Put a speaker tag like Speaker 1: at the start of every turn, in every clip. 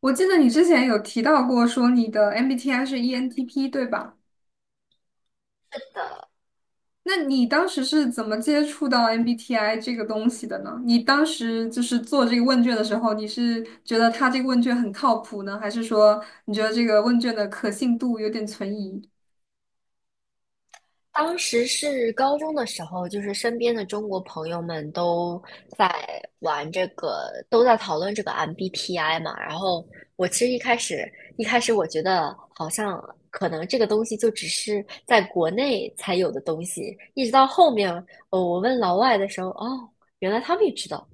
Speaker 1: 我记得你之前有提到过，说你的 MBTI 是 ENTP，对吧？那你当时是怎么接触到 MBTI 这个东西的呢？你当时做这个问卷的时候，你是觉得他这个问卷很靠谱呢，还是说你觉得这个问卷的可信度有点存疑？
Speaker 2: 当时是高中的时候，就是身边的中国朋友们都在玩这个，都在讨论这个 MBTI 嘛。然后我其实一开始我觉得好像可能这个东西就只是在国内才有的东西，一直到后面，我问老外的时候，哦，原来他们也知道，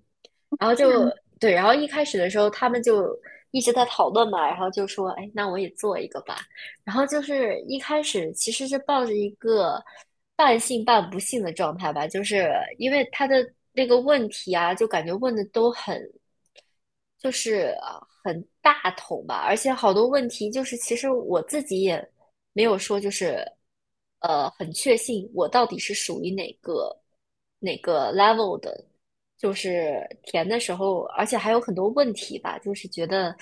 Speaker 2: 然后就对，然后一开始的时候他们就一直在讨论嘛，然后就说，哎，那我也做一个吧。然后就是一开始其实是抱着一个半信半不信的状态吧，就是因为他的那个问题啊，就感觉问的都很就是很大头吧，而且好多问题就是其实我自己也没有说就是很确信我到底是属于哪个 level 的，就是填的时候，而且还有很多问题吧，就是觉得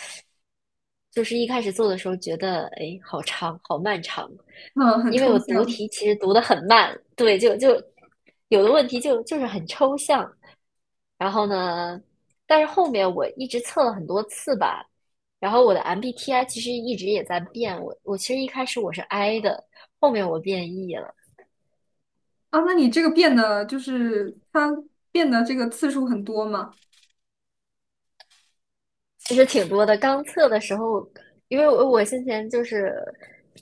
Speaker 2: 就是一开始做的时候觉得哎好长好漫长，
Speaker 1: 嗯，很
Speaker 2: 因为
Speaker 1: 抽
Speaker 2: 我读
Speaker 1: 象
Speaker 2: 题其实读的很慢，对，就有的问题就是很抽象。然后呢，但是后面我一直测了很多次吧，然后我的 MBTI 其实一直也在变。我其实一开始我是 I 的，后面我变 E 了。
Speaker 1: 啊。那你这个变的，就是他变的这个次数很多吗？
Speaker 2: 其实挺多的。刚测的时候，因为我先前就是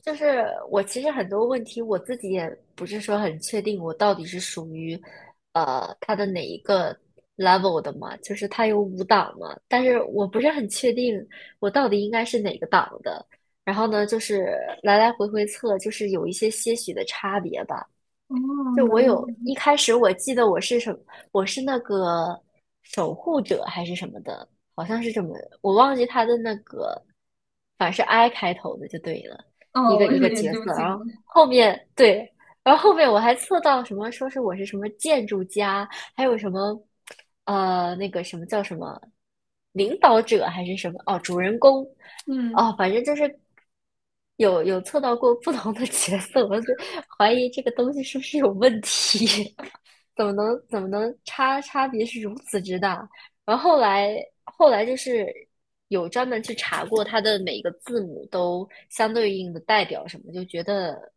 Speaker 2: 就是我其实很多问题我自己也不是说很确定，我到底是属于它的哪一个 level 的嘛？就是它有五档嘛，但是我不是很确定我到底应该是哪个档的。然后呢，就是来来回回测，就是有一些些许的差别吧。
Speaker 1: 哦，
Speaker 2: 就
Speaker 1: 原
Speaker 2: 我
Speaker 1: 来是
Speaker 2: 有
Speaker 1: 这样。
Speaker 2: 一开始我记得我是什么，我是那个守护者还是什么的，好像是这么，我忘记他的那个，反正是 I 开头的就对了，一
Speaker 1: 哦，
Speaker 2: 个
Speaker 1: 我
Speaker 2: 一
Speaker 1: 有
Speaker 2: 个
Speaker 1: 点
Speaker 2: 角
Speaker 1: 揪
Speaker 2: 色，
Speaker 1: 心
Speaker 2: 然后
Speaker 1: 了。
Speaker 2: 后面对，然后后面我还测到什么，说是我是什么建筑家，还有什么那个什么叫什么领导者还是什么哦，主人公，
Speaker 1: 嗯
Speaker 2: 哦，反正就是有测到过不同的角色，我就怀疑这个东西是不是有问题，怎么能差别是如此之大？然后后来就是有专门去查过它的每个字母都相对应的代表什么，就觉得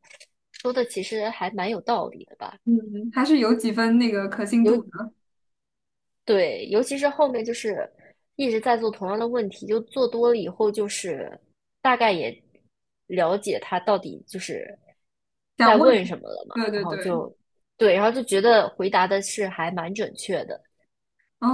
Speaker 2: 说的其实还蛮有道理的吧。
Speaker 1: 嗯，还是有几分那个可信度
Speaker 2: 有。
Speaker 1: 的。
Speaker 2: 对，尤其是后面就是一直在做同样的问题，就做多了以后，就是大概也了解他到底就是
Speaker 1: 想
Speaker 2: 在
Speaker 1: 问，
Speaker 2: 问什么了嘛，
Speaker 1: 对
Speaker 2: 然
Speaker 1: 对
Speaker 2: 后
Speaker 1: 对，
Speaker 2: 就对，然后就觉得回答的是还蛮准确的。
Speaker 1: 嗯，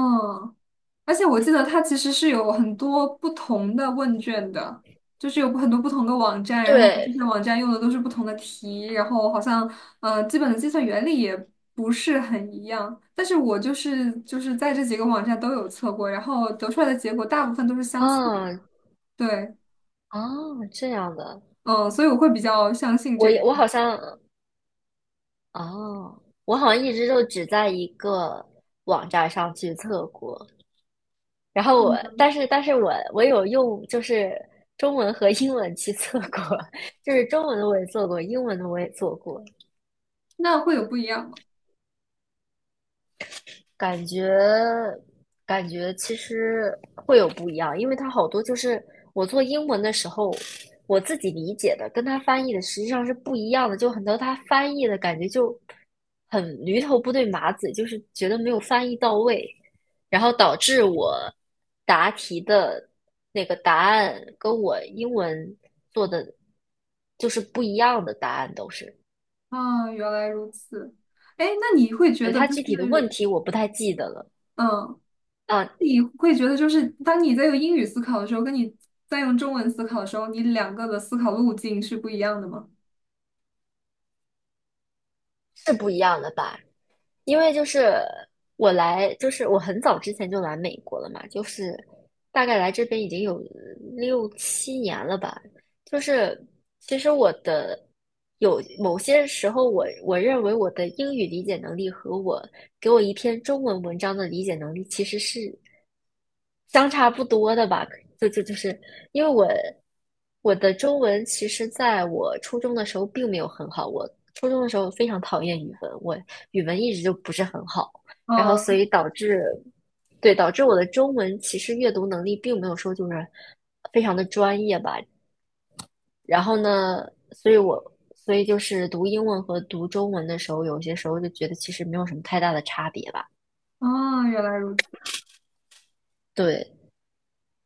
Speaker 1: 而且我记得它其实是有很多不同的问卷的，就是有很多不同的网站，然后这些
Speaker 2: 对，
Speaker 1: 网站用的都是不同的题，然后好像基本的计算原理也不是很一样，但是我就是在这几个网站都有测过，然后得出来的结果大部分都是相似的，
Speaker 2: 啊
Speaker 1: 对。
Speaker 2: 啊，这样的，
Speaker 1: 嗯，所以我会比较相信这个。
Speaker 2: 我好像啊，我好像一直就只在一个网站上去测过，然后我，但是我有用就是中文和英文去做过，就是中文的我也做过，英文的我也做过，
Speaker 1: 那会有不一样吗？
Speaker 2: 感觉感觉其实会有不一样，因为它好多就是我做英文的时候，我自己理解的跟它翻译的实际上是不一样的，就很多它翻译的感觉就很驴头不对马嘴，就是觉得没有翻译到位，然后导致我答题的那个答案跟我英文做的就是不一样的答案都是，
Speaker 1: 啊，原来如此。哎，那你会觉
Speaker 2: 对，
Speaker 1: 得
Speaker 2: 它具体的问题我不太记得了，
Speaker 1: 嗯。
Speaker 2: 啊，
Speaker 1: 你会觉得，就是当你在用英语思考的时候，跟你在用中文思考的时候，你两个的思考路径是不一样的吗？
Speaker 2: 是不一样的吧？因为就是就是我很早之前就来美国了嘛，就是大概来这边已经有6、7年了吧。就是其实我的有某些时候我认为我的英语理解能力和我给我一篇中文文章的理解能力其实是相差不多的吧，就是因为我的中文其实在我初中的时候并没有很好，我初中的时候非常讨厌语文，我语文一直就不是很好，然后所
Speaker 1: 嗯，
Speaker 2: 以导致对导致我的中文其实阅读能力并没有说就是非常的专业吧，然后呢，所以我所以就是读英文和读中文的时候，有些时候就觉得其实没有什么太大的差别吧，
Speaker 1: 哦，原来如此。
Speaker 2: 对，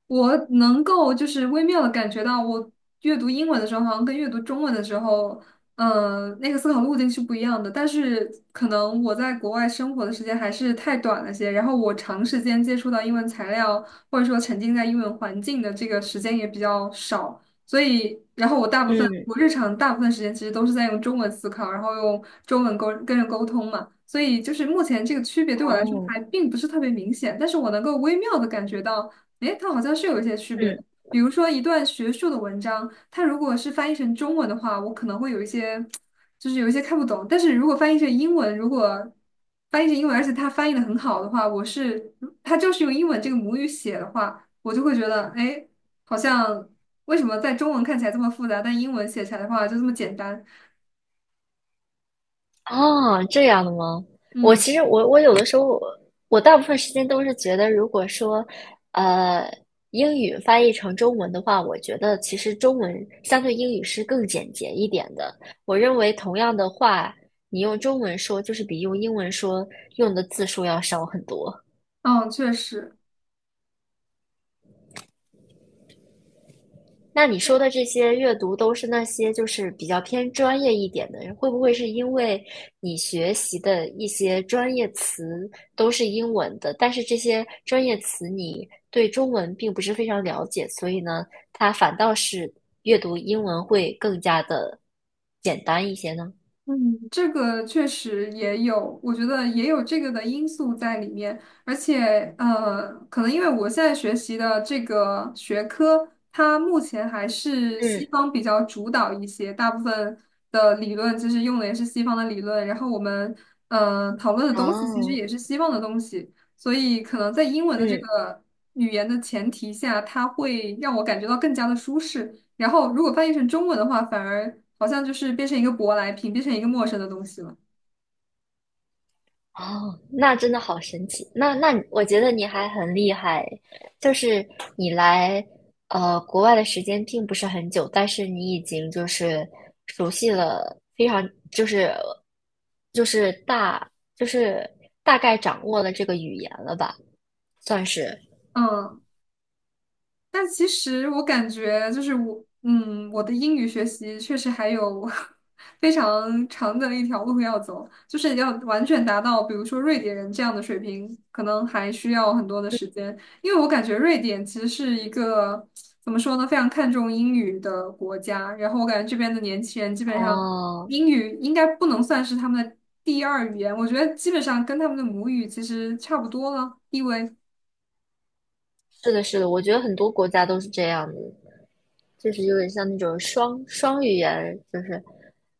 Speaker 1: 我能够就是微妙的感觉到，我阅读英文的时候，好像跟阅读中文的时候，那个思考路径是不一样的。但是可能我在国外生活的时间还是太短了些，然后我长时间接触到英文材料，或者说沉浸在英文环境的这个时间也比较少，所以，然后我大部分
Speaker 2: 嗯，
Speaker 1: 日常大部分时间其实都是在用中文思考，然后用中文沟跟人沟通嘛。所以就是目前这个区别对我来说
Speaker 2: 哦，
Speaker 1: 还并不是特别明显，但是我能够微妙的感觉到。诶，它好像是有一些区别
Speaker 2: 嗯。
Speaker 1: 的。比如说，一段学术的文章，它如果是翻译成中文的话，我可能会有一些，就是有一些看不懂。但是如果翻译成英文，而且它翻译的很好的话，它就是用英文这个母语写的话，我就会觉得，诶，好像为什么在中文看起来这么复杂，但英文写起来的话就这么简单？
Speaker 2: 哦，这样的吗？我
Speaker 1: 嗯，
Speaker 2: 其实我有的时候我大部分时间都是觉得，如果说呃英语翻译成中文的话，我觉得其实中文相对英语是更简洁一点的。我认为同样的话，你用中文说就是比用英文说用的字数要少很多。
Speaker 1: 嗯，确实。
Speaker 2: 那你说的这些阅读都是那些就是比较偏专业一点的，人，会不会是因为你学习的一些专业词都是英文的，但是这些专业词你对中文并不是非常了解，所以呢，它反倒是阅读英文会更加的简单一些呢？
Speaker 1: 嗯，这个确实也有，我觉得也有这个的因素在里面，而且可能因为我现在学习的这个学科，它目前还是西
Speaker 2: 嗯
Speaker 1: 方比较主导一些，大部分的理论其实用的也是西方的理论，然后我们讨论的东西其实
Speaker 2: 哦，
Speaker 1: 也是西方的东西，所以可能在英文的这
Speaker 2: 嗯。
Speaker 1: 个语言的前提下，它会让我感觉到更加的舒适。然后如果翻译成中文的话，反而好像就是变成一个舶来品，变成一个陌生的东西了。
Speaker 2: 哦，那真的好神奇。那我觉得你还很厉害，就是你来国外的时间并不是很久，但是你已经就是熟悉了非常就是就是大概掌握了这个语言了吧，算是。
Speaker 1: 嗯，但其实我感觉我的英语学习确实还有 非常长的一条路要走，就是要完全达到，比如说瑞典人这样的水平，可能还需要很多的时间。因为我感觉瑞典其实是一个怎么说呢，非常看重英语的国家。然后我感觉这边的年轻人基本上
Speaker 2: 哦，
Speaker 1: 英语应该不能算是他们的第二语言，我觉得基本上跟他们的母语其实差不多了，地位。
Speaker 2: 是的，是的，我觉得很多国家都是这样子，就是有点像那种双语言，就是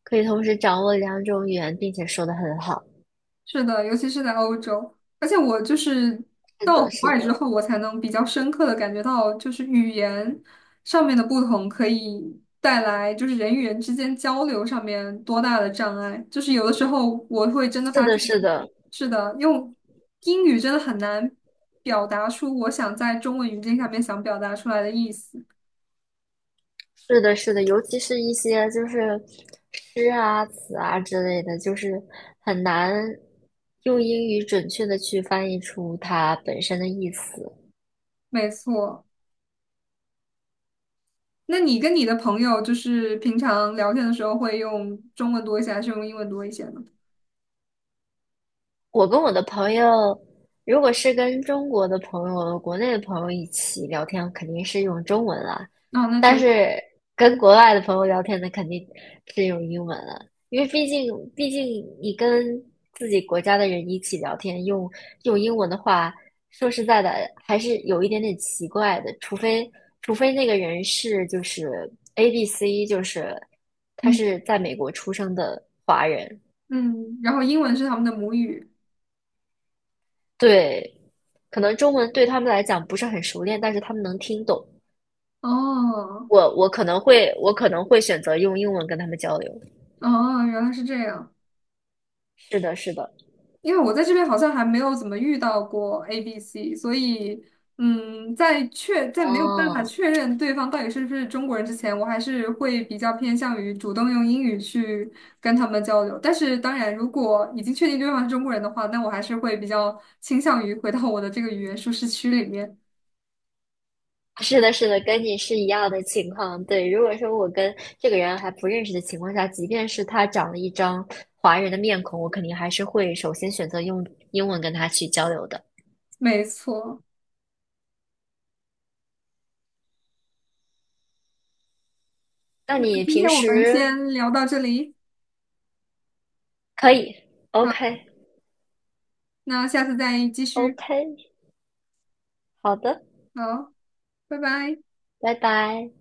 Speaker 2: 可以同时掌握两种语言，并且说的很好。
Speaker 1: 是的，尤其是在欧洲，而且我
Speaker 2: 是
Speaker 1: 到
Speaker 2: 的，
Speaker 1: 国
Speaker 2: 是
Speaker 1: 外之
Speaker 2: 的。
Speaker 1: 后，我才能比较深刻的感觉到，就是语言上面的不同可以带来就是人与人之间交流上面多大的障碍。就是有的时候我会真的
Speaker 2: 是
Speaker 1: 发
Speaker 2: 的，
Speaker 1: 现，
Speaker 2: 是的，
Speaker 1: 是的，用英语真的很难表达出我想在中文语境下面想表达出来的意思。
Speaker 2: 是的，是的，尤其是一些就是诗啊、词啊之类的，就是很难用英语准确的去翻译出它本身的意思。
Speaker 1: 没错，那你跟你的朋友就是平常聊天的时候会用中文多一些，还是用英文多一些呢？
Speaker 2: 我跟我的朋友，如果是跟中国的朋友、国内的朋友一起聊天，肯定是用中文啦。
Speaker 1: 啊，那确
Speaker 2: 但
Speaker 1: 实。
Speaker 2: 是跟国外的朋友聊天那肯定是用英文了，因为毕竟你跟自己国家的人一起聊天，用英文的话，说实在的，还是有一点点奇怪的。除非那个人是就是 ABC，就是他
Speaker 1: 嗯。
Speaker 2: 是在美国出生的华人，
Speaker 1: 嗯，然后英文是他们的母语。
Speaker 2: 对，可能中文对他们来讲不是很熟练，但是他们能听懂。
Speaker 1: 哦，
Speaker 2: 我我可能会我可能会选择用英文跟他们交流。
Speaker 1: 哦，原来是这样。
Speaker 2: 是的，是的，
Speaker 1: 因为我在这边好像还没有怎么遇到过 A、B、C，所以，嗯，在没有办法
Speaker 2: 哦，
Speaker 1: 确认对方到底是不是中国人之前，我还是会比较偏向于主动用英语去跟他们交流。但是，当然，如果已经确定对方是中国人的话，那我还是会比较倾向于回到我的这个语言舒适区里面。
Speaker 2: 是的，是的，跟你是一样的情况。对，如果说我跟这个人还不认识的情况下，即便是他长了一张华人的面孔，我肯定还是会首先选择用英文跟他去交流的。
Speaker 1: 没错，
Speaker 2: 那
Speaker 1: 那
Speaker 2: 你
Speaker 1: 今
Speaker 2: 平
Speaker 1: 天我们
Speaker 2: 时
Speaker 1: 先聊到这里，
Speaker 2: 可以
Speaker 1: 好，
Speaker 2: ，OK，OK，
Speaker 1: 那下次再继续。
Speaker 2: 好的，
Speaker 1: 好，拜拜。
Speaker 2: 拜拜。